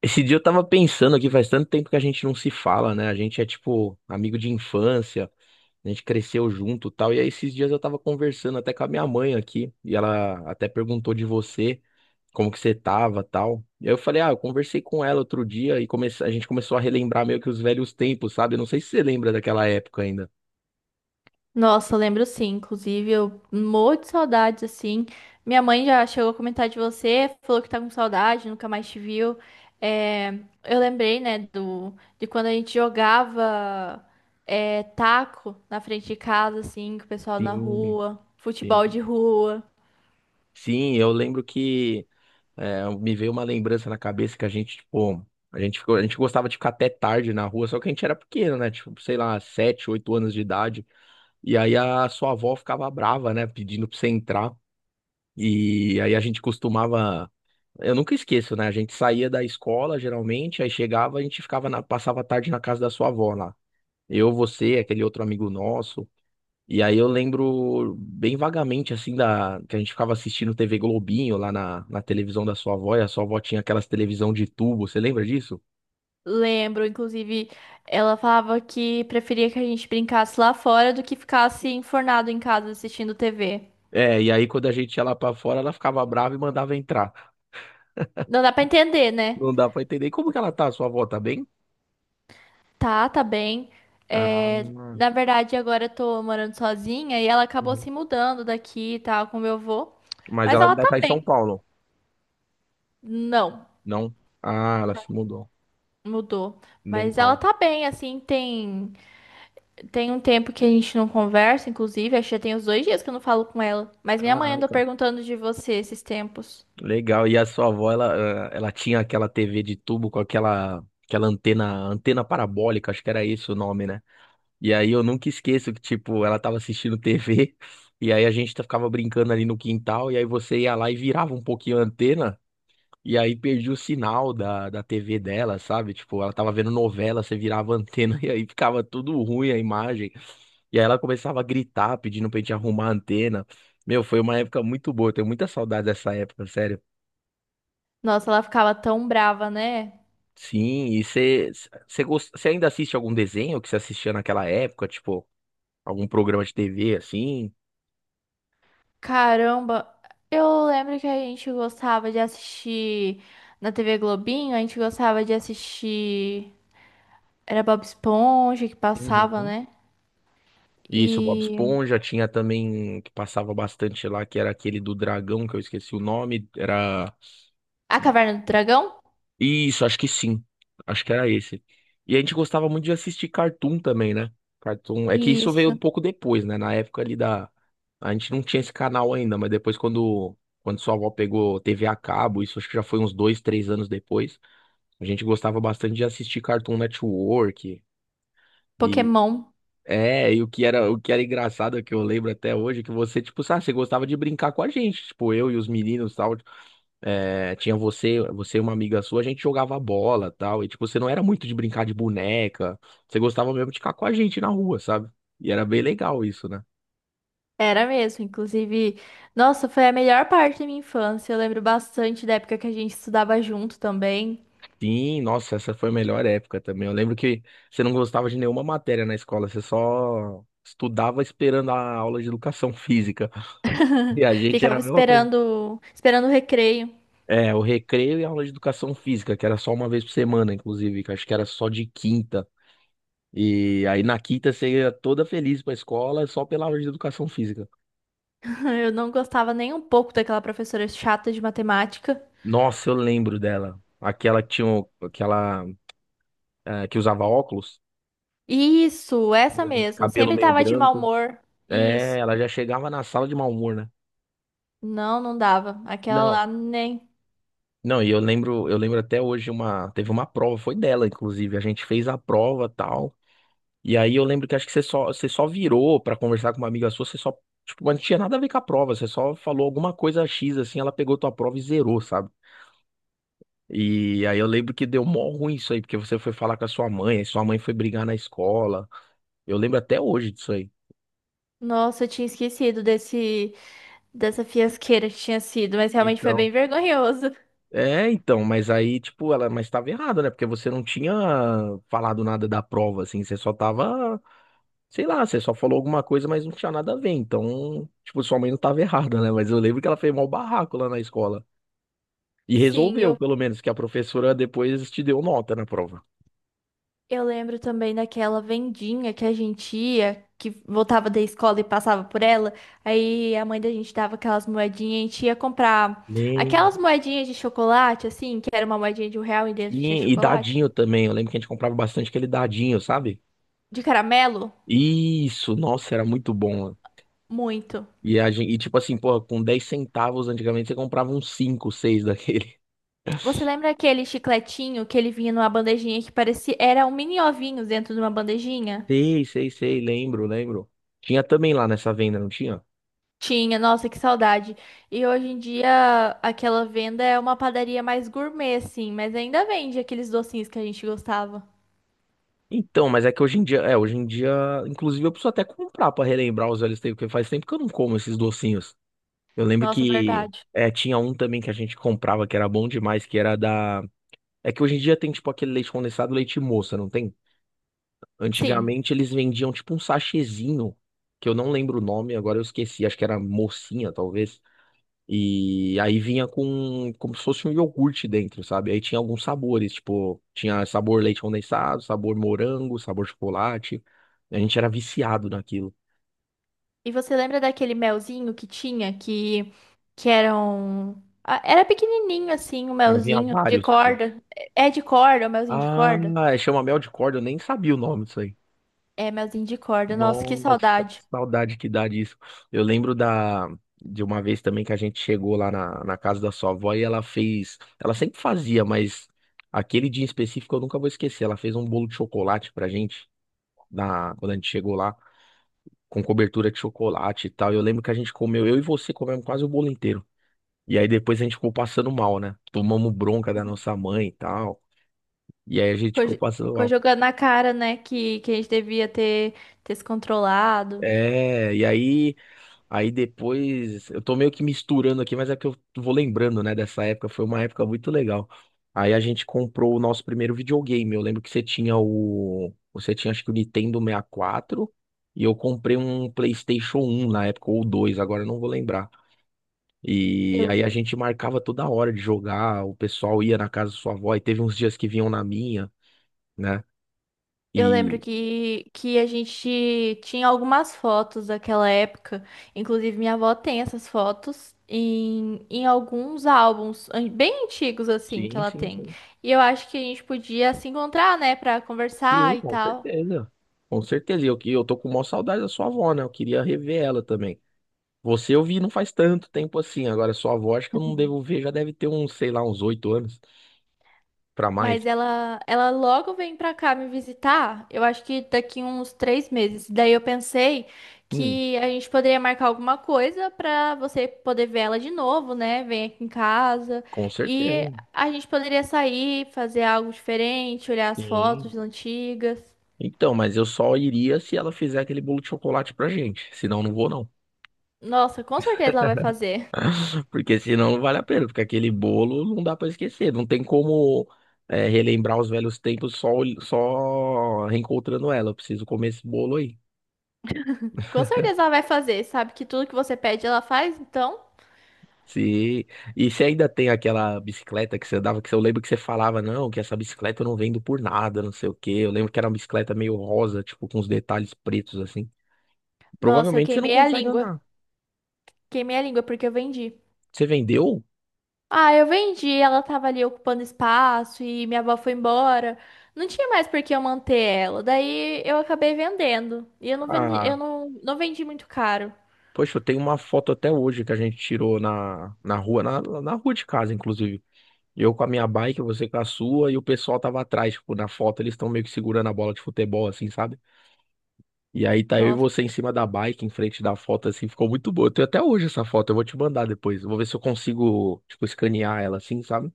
Esse dia eu tava pensando aqui, faz tanto tempo que a gente não se fala, né? A gente é tipo amigo de infância, a gente cresceu junto, e tal. E aí esses dias eu tava conversando até com a minha mãe aqui, e ela até perguntou de você, como que você tava, tal. E aí eu falei, ah, eu conversei com ela outro dia e comece... a gente começou a relembrar meio que os velhos tempos, sabe? Eu não sei se você lembra daquela época ainda. Nossa, eu lembro sim. Inclusive, eu morro de saudades, assim. Minha mãe já chegou a comentar de você, falou que tá com saudade, nunca mais te viu. É, eu lembrei, né, do, de quando a gente jogava é, taco na frente de casa, assim, com o pessoal na Sim, rua, futebol de sim. rua. Sim, eu lembro que... É, me veio uma lembrança na cabeça que a gente, tipo, a gente gostava de ficar até tarde na rua, só que a gente era pequeno, né? Tipo, sei lá, 7, 8 anos de idade. E aí a sua avó ficava brava, né? Pedindo pra você entrar. E aí a gente costumava. Eu nunca esqueço, né? A gente saía da escola, geralmente, aí chegava, a gente ficava passava a tarde na casa da sua avó lá. Eu, você, aquele outro amigo nosso. E aí eu lembro bem vagamente, assim, da que a gente ficava assistindo TV Globinho lá na televisão da sua avó, e a sua avó tinha aquelas televisão de tubo, você lembra disso? Lembro, inclusive, ela falava que preferia que a gente brincasse lá fora do que ficasse enfornado em casa assistindo TV. É, e aí quando a gente ia lá pra fora, ela ficava brava e mandava entrar. Não dá pra entender, né? Não dá pra entender. E como que ela tá, a sua avó, tá bem? Tá, tá bem. Ah, É, uhum. na verdade, agora eu tô morando sozinha e ela acabou se mudando daqui e tal, com meu avô. Mas Mas ela ela ainda tá tá em São bem. Paulo, Não, não? Ah, ela se mudou. mudou. Mas ela Legal. tá bem, assim, tem, tem um tempo que a gente não conversa, inclusive, acho que já tem uns 2 dias que eu não falo com ela. Mas minha mãe andou Caraca. perguntando de você esses tempos. Legal. E a sua avó, ela, ela tinha aquela TV de tubo com aquela, aquela antena, antena parabólica, acho que era esse o nome, né? E aí eu nunca esqueço que, tipo, ela tava assistindo TV, e aí a gente ficava brincando ali no quintal, e aí você ia lá e virava um pouquinho a antena, e aí perdia o sinal da TV dela, sabe? Tipo, ela tava vendo novela, você virava a antena, e aí ficava tudo ruim a imagem. E aí ela começava a gritar, pedindo pra gente arrumar a antena. Meu, foi uma época muito boa, eu tenho muita saudade dessa época, sério. Nossa, ela ficava tão brava, né? Sim, e você ainda assiste algum desenho que você assistia naquela época, tipo, algum programa de TV assim? Caramba, eu lembro que a gente gostava de assistir na TV Globinho, a gente gostava de assistir. Era Bob Esponja que passava, Uhum. né? Isso, Bob E Esponja, tinha também que passava bastante lá, que era aquele do dragão, que eu esqueci o nome, era... A Caverna do Dragão? Isso, acho que sim. Acho que era esse. E a gente gostava muito de assistir Cartoon também, né? Cartoon. É que isso veio um Isso. pouco depois, né? Na época ali da... A gente não tinha esse canal ainda, mas depois quando... Quando sua avó pegou TV a cabo, isso acho que já foi uns dois, três anos depois. A gente gostava bastante de assistir Cartoon Network. E, Pokémon. É, e o que era engraçado que eu lembro até hoje, é que você, tipo, sabe, você gostava de brincar com a gente, tipo, eu e os meninos, e tal, é, tinha você, você e uma amiga sua, a gente jogava bola, e tal, e tipo, você não era muito de brincar de boneca, você gostava mesmo de ficar com a gente na rua, sabe? E era bem legal isso, né? Era mesmo, inclusive. Nossa, foi a melhor parte da minha infância. Eu lembro bastante da época que a gente estudava junto também. Sim, nossa, essa foi a melhor época também. Eu lembro que você não gostava de nenhuma matéria na escola, você só estudava esperando a aula de educação física. E a gente era Ficava a mesma coisa. esperando, esperando o recreio. É, o recreio e a aula de educação física, que era só uma vez por semana, inclusive, que acho que era só de quinta. E aí na quinta você ia toda feliz pra escola só pela aula de educação física. Eu não gostava nem um pouco daquela professora chata de matemática. Nossa, eu lembro dela. Aquela que tinha, aquela, que usava óculos, Isso, essa mesmo. cabelo Sempre meio tava de mau branco. humor. É, Isso. ela já chegava na sala de mau humor, né? Não, não dava. Aquela Não. lá nem. Não, e eu lembro até hoje teve uma prova, foi dela, inclusive. A gente fez a prova, tal. E aí eu lembro que acho que você só virou pra conversar com uma amiga sua, você só, tipo, mas não tinha nada a ver com a prova, você só falou alguma coisa X assim, ela pegou tua prova e zerou, sabe? E aí eu lembro que deu mó ruim isso aí, porque você foi falar com a sua mãe, aí sua mãe foi brigar na escola. Eu lembro até hoje disso aí. Nossa, eu tinha esquecido desse dessa fiasqueira que tinha sido, mas realmente foi Então. bem vergonhoso. É, então, mas aí, tipo, ela, mas tava errado, né? Porque você não tinha falado nada da prova, assim, você só tava, sei lá, você só falou alguma coisa, mas não tinha nada a ver. Então, tipo, sua mãe não tava errada, né? Mas eu lembro que ela fez mó barraco lá na escola. E Sim, resolveu, eu, pelo menos, que a professora depois te deu nota na prova. eu lembro também daquela vendinha que a gente ia, que voltava da escola e passava por ela. Aí a mãe da gente dava aquelas moedinhas, a gente ia comprar Nem. aquelas moedinhas de chocolate, assim, que era uma moedinha de um real e dentro tinha Sim, e chocolate. dadinho também. Eu lembro que a gente comprava bastante aquele dadinho, sabe? De caramelo? Isso, nossa, era muito bom. Muito. E tipo assim, pô, com 10 centavos antigamente você comprava uns 5, 6 daquele. Você lembra aquele chicletinho que ele vinha numa bandejinha que parecia. Era um mini ovinho dentro de uma bandejinha? Sei, sei, sei, lembro, lembro. Tinha também lá nessa venda, não tinha? Tinha, nossa, que saudade. E hoje em dia aquela venda é uma padaria mais gourmet, assim, mas ainda vende aqueles docinhos que a gente gostava. Então, mas é que hoje em dia, é, hoje em dia, inclusive eu preciso até comprar pra relembrar os velhos tempos, porque faz tempo que eu não como esses docinhos. Eu lembro Nossa, que verdade. é, tinha um também que a gente comprava que era bom demais, que era da... É que hoje em dia tem tipo aquele leite condensado, leite moça, não tem? Sim. Antigamente eles vendiam tipo um sachêzinho, que eu não lembro o nome, agora eu esqueci, acho que era mocinha, talvez. E aí vinha com como se fosse um iogurte dentro, sabe? Aí tinha alguns sabores, tipo, tinha sabor leite condensado, sabor morango, sabor chocolate. A gente era viciado naquilo, E você lembra daquele melzinho que tinha, que era um ah, era pequenininho, assim, o mas vinha melzinho de vários, tipo. corda. É é de corda, o melzinho de Ah, corda? chama mel de corda, eu nem sabia o nome disso aí. É, melzinho de corda. Nossa, que Nossa, saudade. saudade que dá disso. Eu lembro da de uma vez também que a gente chegou lá na casa da sua avó e ela fez, ela sempre fazia, mas aquele dia em específico eu nunca vou esquecer. Ela fez um bolo de chocolate pra gente na quando a gente chegou lá com cobertura de chocolate e tal. E eu lembro que a gente comeu, eu e você comemos quase o bolo inteiro. E aí depois a gente ficou passando mal, né? Tomamos bronca da nossa mãe e tal. E aí a gente Ficou ficou jo- passando Ficou mal. jogando na cara, né, que a gente devia ter se controlado. É, e aí Aí depois, eu tô meio que misturando aqui, mas é que eu vou lembrando, né, dessa época, foi uma época muito legal. Aí a gente comprou o nosso primeiro videogame. Eu lembro que você tinha o, você tinha acho que o Nintendo 64 e quatro e eu comprei um PlayStation um na época ou 2. Agora eu não vou lembrar. E Eu aí a gente marcava toda hora de jogar, o pessoal ia na casa da sua avó e teve uns dias que vinham na minha, né? Eu lembro E que a gente tinha algumas fotos daquela época. Inclusive, minha avó tem essas fotos em alguns bem antigos, assim, que sim, ela sim, tem. sim. E eu acho que a gente podia se encontrar, né, pra Sim, conversar e com tal. certeza. Com certeza. E eu, eu tô com maior saudade da sua avó, né? Eu queria rever ela também. Você eu vi não faz tanto tempo assim. Agora, sua avó, acho que eu não devo ver, já deve ter uns, sei lá, uns 8 anos pra mais. Mas ela logo vem pra cá me visitar, eu acho que daqui uns 3 meses. Daí eu pensei Hum, que a gente poderia marcar alguma coisa pra você poder ver ela de novo, né? Vem aqui em casa. com E certeza. a gente poderia sair, fazer algo diferente, olhar as Sim. fotos antigas. Então, mas eu só iria se ela fizer aquele bolo de chocolate pra gente. Senão, não vou, não. Nossa, com certeza ela vai fazer. Porque senão não vale a pena. Porque aquele bolo não dá pra esquecer. Não tem como. É, relembrar os velhos tempos só, só reencontrando ela. Eu preciso comer esse bolo aí. Com certeza ela vai fazer. Sabe que tudo que você pede ela faz, então. Sim. E você ainda tem aquela bicicleta que você dava, que você... eu lembro que você falava, não, que essa bicicleta eu não vendo por nada, não sei o quê. Eu lembro que era uma bicicleta meio rosa, tipo, com os detalhes pretos, assim. Nossa, eu Provavelmente você não queimei a consegue língua. andar. Queimei a língua porque eu vendi. Você vendeu? Ah, eu vendi, ela tava ali ocupando espaço e minha avó foi embora. Não tinha mais por que eu manter ela. Daí eu acabei vendendo. E eu não vendi, Ah, eu não, não vendi muito caro. poxa, eu tenho uma foto até hoje que a gente tirou na rua, na rua de casa, inclusive. Eu com a minha bike, você com a sua, e o pessoal tava atrás, tipo, na foto eles estão meio que segurando a bola de futebol, assim, sabe? E aí tá eu e Nossa, você em cima da bike, em frente da foto, assim, ficou muito boa. Eu tenho até hoje essa foto, eu vou te mandar depois. Eu vou ver se eu consigo, tipo, escanear ela assim, sabe?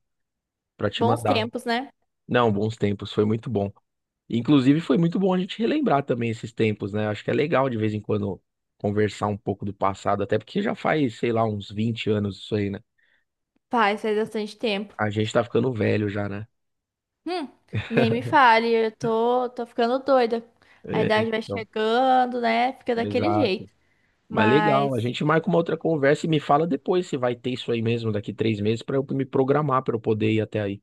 Pra te bons mandar. tempos, né? Não, bons tempos, foi muito bom. Inclusive, foi muito bom a gente relembrar também esses tempos, né? Acho que é legal de vez em quando conversar um pouco do passado, até porque já faz, sei lá, uns 20 anos isso aí, né? Faz, faz bastante tempo. A gente tá ficando velho já, né? Hum, nem me fale, tô ficando doida. A É, idade vai então, chegando, né? Fica daquele exato. jeito. Mas legal, a Mas gente marca uma outra conversa e me fala depois se vai ter isso aí mesmo daqui 3 meses para eu me programar para eu poder ir até aí.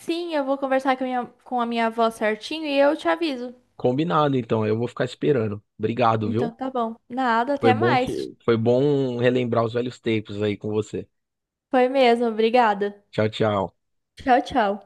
sim, eu vou conversar com a com a minha avó certinho e eu te aviso. Combinado, então, eu vou ficar esperando. Obrigado, viu? Então tá bom. Nada, Foi até bom te... mais. Foi bom relembrar os velhos tempos aí com você. Foi mesmo, obrigada. Tchau, tchau. Tchau, tchau.